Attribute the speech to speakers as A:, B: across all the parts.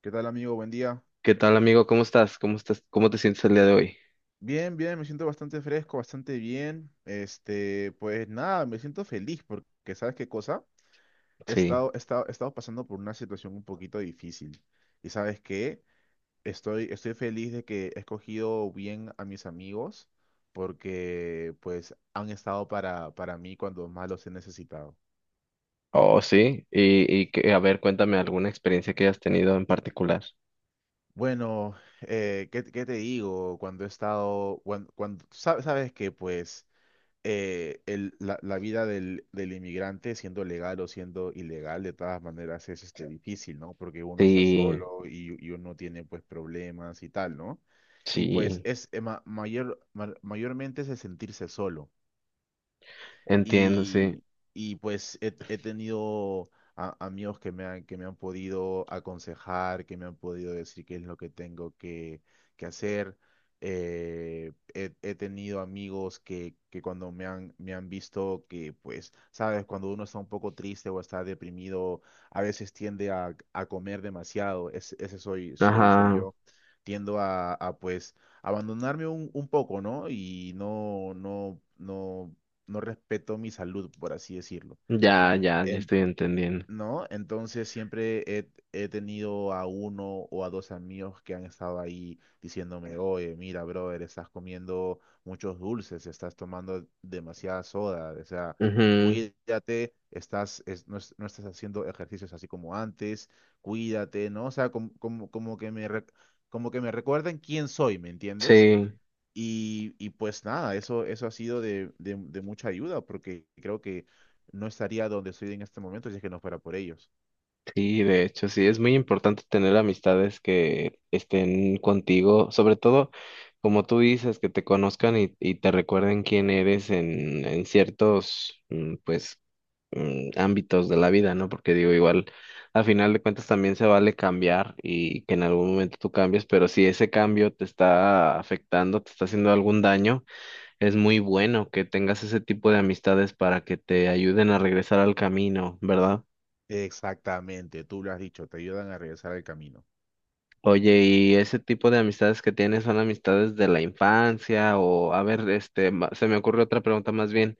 A: ¿Qué tal, amigo? Buen día.
B: ¿Qué tal, amigo? ¿Cómo estás? ¿Cómo estás? ¿Cómo te sientes el día de hoy?
A: Bien, bien, me siento bastante fresco, bastante bien. Este, pues nada, me siento feliz porque, ¿sabes qué cosa? He
B: Sí.
A: estado, he estado, he estado pasando por una situación un poquito difícil. ¿Y sabes qué? Estoy feliz de que he escogido bien a mis amigos porque, pues, han estado para mí cuando más los he necesitado.
B: Oh, sí. Y a ver, cuéntame alguna experiencia que hayas tenido en particular.
A: Bueno, ¿qué te digo? Cuando he estado, sabes que, pues, la vida del inmigrante, siendo legal o siendo ilegal, de todas maneras es este, difícil, ¿no? Porque uno está
B: Sí,
A: solo y uno tiene pues problemas y tal, ¿no? Y pues
B: sí.
A: es mayormente es el sentirse solo.
B: Entiendo, sí.
A: Y, pues he tenido amigos que me han podido aconsejar, que me han podido decir qué es lo que que hacer. He tenido amigos que cuando me han visto que, pues, sabes, cuando uno está un poco triste o está deprimido, a veces tiende a comer demasiado. Soy
B: Ajá.
A: yo. Tiendo a pues, abandonarme un poco, ¿no? Y no respeto mi salud, por así decirlo.
B: Ya, ya, ya
A: En-
B: estoy entendiendo.
A: ¿No? Entonces siempre he tenido a uno o a dos amigos que han estado ahí diciéndome, oye, mira, brother, estás comiendo muchos dulces, estás tomando demasiada soda, o sea,
B: Ujú.
A: cuídate, estás, no estás haciendo ejercicios así como antes, cuídate, ¿no? O sea, como que como que me recuerden quién soy, ¿me entiendes?
B: Sí,
A: Y pues nada, eso ha sido de mucha ayuda porque creo que no estaría donde estoy en este momento si es que no fuera por ellos.
B: sí, de hecho, sí. Es muy importante tener amistades que estén contigo, sobre todo, como tú dices, que te conozcan y te recuerden quién eres en ciertos, pues ámbitos de la vida, ¿no? Porque digo, igual, al final de cuentas también se vale cambiar y que en algún momento tú cambies, pero si ese cambio te está afectando, te está haciendo algún daño, es muy bueno que tengas ese tipo de amistades para que te ayuden a regresar al camino, ¿verdad?
A: Exactamente, tú lo has dicho, te ayudan a regresar al camino.
B: Oye, ¿y ese tipo de amistades que tienes son amistades de la infancia? O, a ver, este, se me ocurre otra pregunta más bien.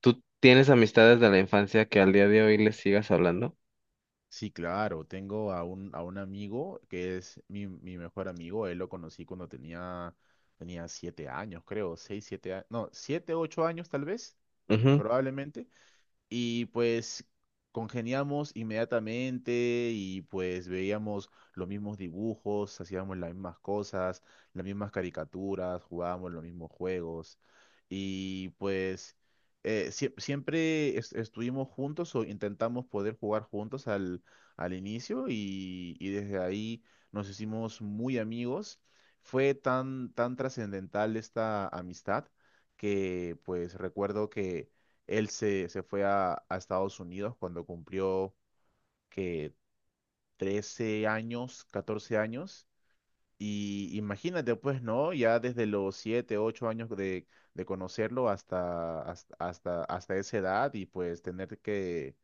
B: ¿Tú tienes amistades de la infancia que al día de hoy les sigas hablando?
A: Sí, claro, tengo a un amigo que es mi, mi mejor amigo, él lo conocí cuando tenía 7 años, creo, 6, 7 años, no, 7, 8 años tal vez,
B: Ujú,
A: probablemente. Y pues congeniamos inmediatamente y pues veíamos los mismos dibujos, hacíamos las mismas cosas, las mismas caricaturas, jugábamos los mismos juegos. Y pues siempre estuvimos juntos o intentamos poder jugar juntos al inicio y desde ahí nos hicimos muy amigos. Fue tan, tan trascendental esta amistad que pues recuerdo que se fue a Estados Unidos cuando cumplió que 13 años, 14 años. Y imagínate, pues, ¿no? Ya desde los 7 u 8 años de conocerlo hasta esa edad y pues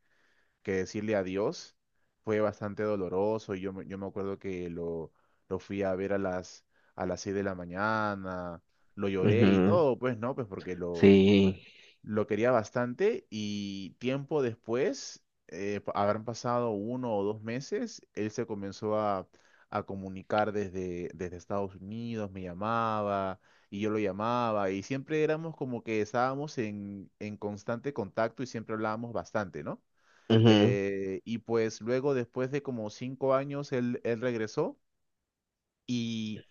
A: que decirle adiós fue bastante doloroso. Y yo, yo me acuerdo que lo fui a ver a a las 6 de la mañana, lo lloré y
B: ujú,
A: todo, pues, ¿no? Pues porque lo
B: Sí.
A: lo quería bastante y tiempo después, habrán pasado uno o dos meses, él se comenzó a comunicar desde Estados Unidos, me llamaba y yo lo llamaba y siempre éramos como que estábamos en constante contacto y siempre hablábamos bastante, ¿no?
B: Ujú.
A: Y pues luego, después de como 5 años, él regresó. Y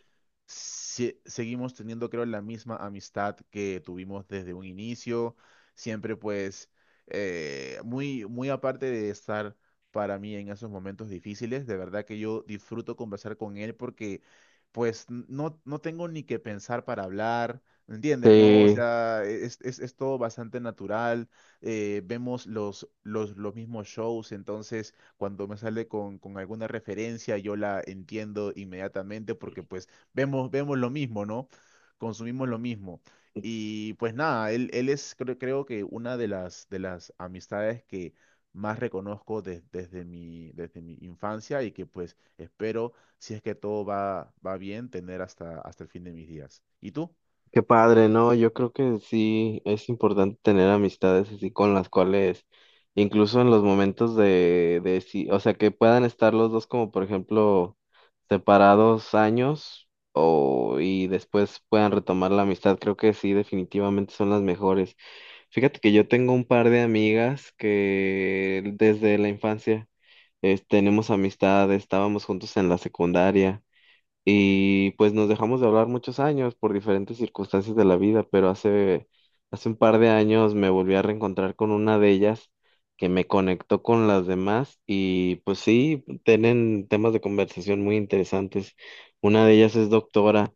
A: seguimos teniendo, creo, la misma amistad que tuvimos desde un inicio. Siempre, pues, muy aparte de estar para mí en esos momentos difíciles, de verdad que yo disfruto conversar con él porque, pues, no tengo ni que pensar para hablar. ¿Me entiendes? ¿No? O
B: Sí,
A: sea, es todo bastante natural. Eh, vemos los mismos shows, entonces cuando me sale con alguna referencia yo la entiendo inmediatamente porque pues vemos lo mismo, ¿no? Consumimos lo mismo. Y pues nada, él es creo que una de de las amistades que más reconozco desde desde mi infancia y que pues espero, si es que todo va, va bien, tener hasta el fin de mis días. ¿Y tú?
B: qué padre, ¿no? Yo creo que sí es importante tener amistades así con las cuales, incluso en los momentos de sí, o sea, que puedan estar los dos como, por ejemplo, separados años o y después puedan retomar la amistad, creo que sí, definitivamente son las mejores. Fíjate que yo tengo un par de amigas que desde la infancia tenemos amistad, estábamos juntos en la secundaria. Y pues nos dejamos de hablar muchos años por diferentes circunstancias de la vida, pero hace un par de años me volví a reencontrar con una de ellas que me conectó con las demás y pues sí, tienen temas de conversación muy interesantes. Una de ellas es doctora.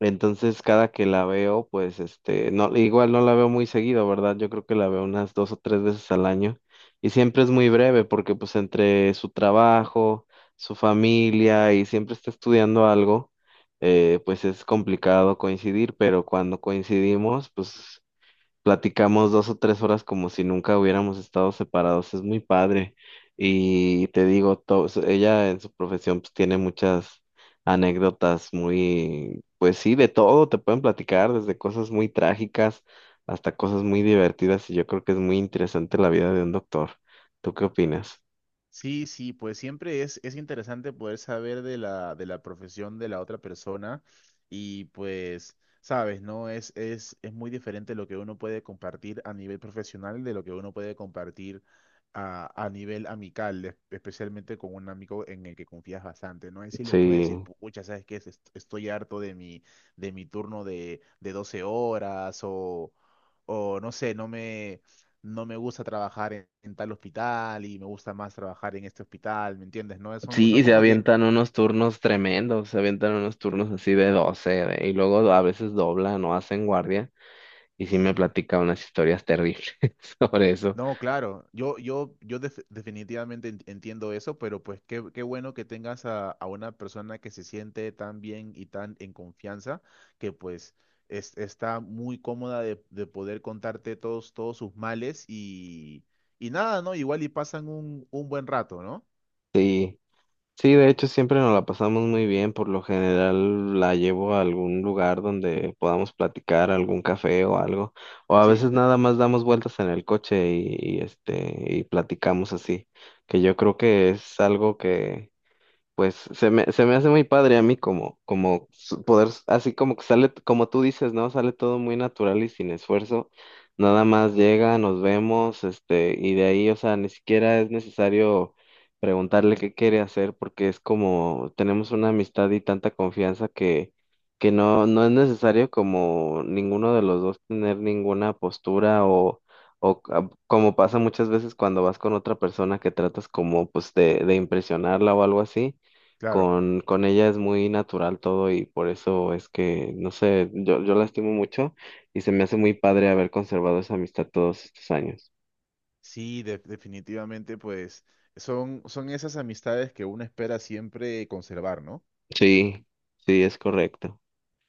B: Entonces, cada que la veo, pues este, no, igual no la veo muy seguido, ¿verdad? Yo creo que la veo unas dos o tres veces al año y siempre es muy breve porque pues entre su trabajo, su familia y siempre está estudiando algo, pues es complicado coincidir, pero cuando coincidimos, pues platicamos 2 o 3 horas como si nunca hubiéramos estado separados, es muy padre. Y te digo, ella en su profesión pues tiene muchas anécdotas muy, pues sí, de todo, te pueden platicar desde cosas muy trágicas hasta cosas muy divertidas y yo creo que es muy interesante la vida de un doctor. ¿Tú qué opinas?
A: Sí, sí, pues siempre es interesante poder saber de de la profesión de la otra persona y pues, sabes, ¿no? Es muy diferente lo que uno puede compartir a nivel profesional de lo que uno puede compartir a nivel amical, especialmente con un amigo en el que confías bastante, ¿no? Y si le puedes decir,
B: Sí,
A: pucha, ¿sabes qué? Estoy harto de mi turno de 12 horas o no sé, no me gusta trabajar en tal hospital y me gusta más trabajar en este hospital, ¿me entiendes? ¿No? Son
B: sí, se
A: como que...
B: avientan unos turnos tremendos, se avientan unos turnos así de 12 y luego a veces doblan o hacen guardia. Y sí me
A: Sí.
B: platica unas historias terribles sobre eso.
A: No, claro, yo definitivamente entiendo eso, pero pues qué bueno que tengas a una persona que se siente tan bien y tan en confianza, que pues está muy cómoda de poder contarte todos sus males y nada, ¿no? Igual y pasan un buen rato, ¿no?
B: Sí, sí, de hecho siempre nos la pasamos muy bien, por lo general la llevo a algún lugar donde podamos platicar, algún café o algo, o a
A: Sí,
B: veces nada más damos vueltas en el coche y, este y platicamos así, que yo creo que es algo que pues se me hace muy padre a mí como poder, así como que sale, como tú dices, ¿no? Sale todo muy natural y sin esfuerzo. Nada más llega, nos vemos, este, y de ahí, o sea, ni siquiera es necesario preguntarle qué quiere hacer porque es como, tenemos una amistad y tanta confianza que no, no es necesario como ninguno de los dos tener ninguna postura o... O como pasa muchas veces cuando vas con otra persona que tratas como pues de impresionarla o algo así
A: claro.
B: con ella es muy natural todo y por eso es que, no sé, yo la estimo mucho y se me hace muy padre haber conservado esa amistad todos estos años.
A: Sí, definitivamente pues son esas amistades que uno espera siempre conservar, ¿no?
B: Sí, sí,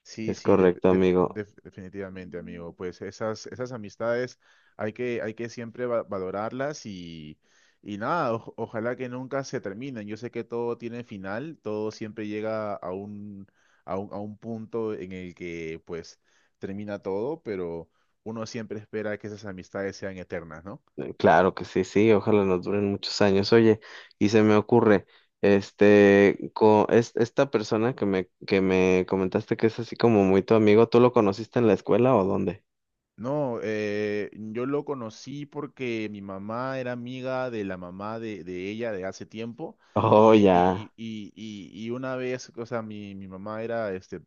A: Sí,
B: es
A: sí,
B: correcto, amigo.
A: definitivamente, amigo. Pues esas, esas amistades hay que siempre valorarlas y nada, ojalá que nunca se terminen. Yo sé que todo tiene final, todo siempre llega a un punto en el que pues termina todo, pero uno siempre espera que esas amistades sean eternas, ¿no?
B: Claro que sí, sí, ojalá nos duren muchos años. Oye, y se me ocurre, este, esta persona que me comentaste que es así como muy tu amigo, ¿tú lo conociste en la escuela o dónde?
A: No, yo lo conocí porque mi mamá era amiga de la mamá de ella de hace tiempo
B: Oh, ya,
A: y una vez, o sea, mi mamá era este,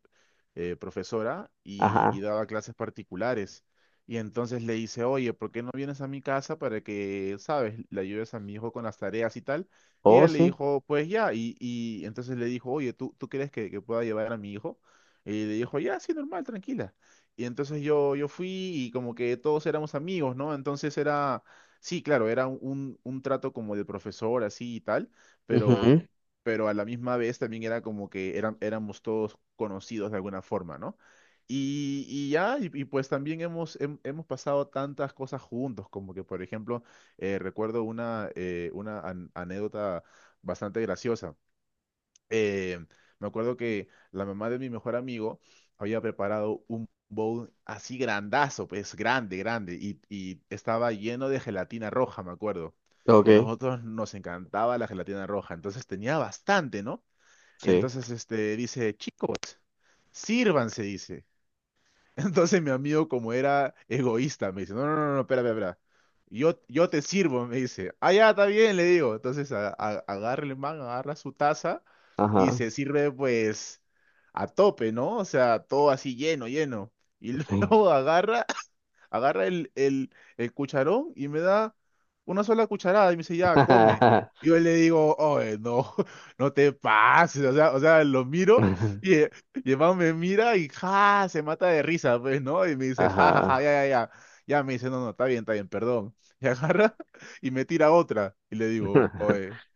A: profesora y
B: ajá,
A: daba clases particulares y entonces le hice, oye, ¿por qué no vienes a mi casa para que, sabes, le ayudes a mi hijo con las tareas y tal? Y
B: oh,
A: ella le
B: sí,
A: dijo, pues ya, y entonces le dijo, oye, tú crees que pueda llevar a mi hijo? Y le dijo, ya, sí, normal, tranquila. Y entonces yo fui y como que todos éramos amigos, ¿no? Entonces era, sí, claro, era un trato como de profesor, así y tal, pero,
B: ujú,
A: pero a la misma vez también era como que eran, éramos todos conocidos de alguna forma, ¿no? Y ya, y pues también hemos pasado tantas cosas juntos, como que, por ejemplo, recuerdo una anécdota bastante graciosa, eh, me acuerdo que la mamá de mi mejor amigo había preparado un bowl así grandazo, pues grande, grande, y estaba lleno de gelatina roja, me acuerdo. Y a
B: ok,
A: nosotros nos encantaba la gelatina roja, entonces tenía bastante, ¿no? Y
B: sí.
A: entonces este, dice, Sírvanse", dice. Entonces mi amigo, como era egoísta, me dice, no, no, no, no, espera, espera, espera. Yo te sirvo, me dice. Ah, ya, está bien, le digo. Entonces agarra el man, agarra su taza y
B: Ajá.
A: se sirve pues a tope, ¿no? O sea, todo así lleno, lleno. Y
B: Sí.
A: luego agarra el cucharón y me da una sola cucharada y me dice, ya, come. Y yo le digo, oye, no, no te pases, o sea, lo miro y, eh, y el man me mira y ja, se mata de risa, pues, ¿no? Y me dice, ja, ja, ja,
B: Ajá.
A: ya, ya, ya. Ya me dice, no, no, está bien, perdón. Y agarra y me tira otra. Y le digo, oye,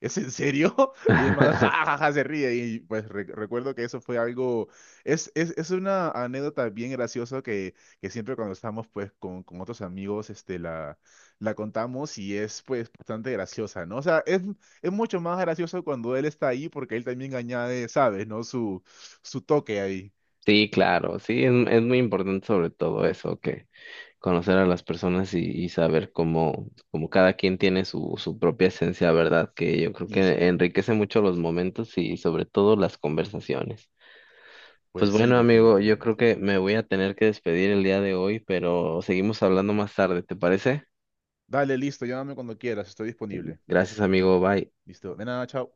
A: ¿es en serio? Y el man, ja, ja, ja, se ríe. Y pues recuerdo que eso fue algo, es una anécdota bien graciosa que siempre cuando estamos pues con otros amigos, este, la contamos y es pues bastante graciosa, ¿no? O sea, es mucho más gracioso cuando él está ahí porque él también añade, ¿sabes? ¿No? Su toque ahí.
B: Sí, claro, sí, es muy importante sobre todo eso, que conocer a las personas y saber cómo cada quien tiene su propia esencia, ¿verdad? Que yo creo
A: Y sí,
B: que enriquece mucho los momentos y sobre todo las conversaciones. Pues
A: pues sí,
B: bueno, amigo, yo creo
A: definitivamente.
B: que me voy a tener que despedir el día de hoy, pero seguimos hablando más tarde, ¿te parece?
A: Dale, listo, llámame cuando quieras, estoy disponible.
B: Gracias, amigo, bye.
A: Listo, de nada, chao.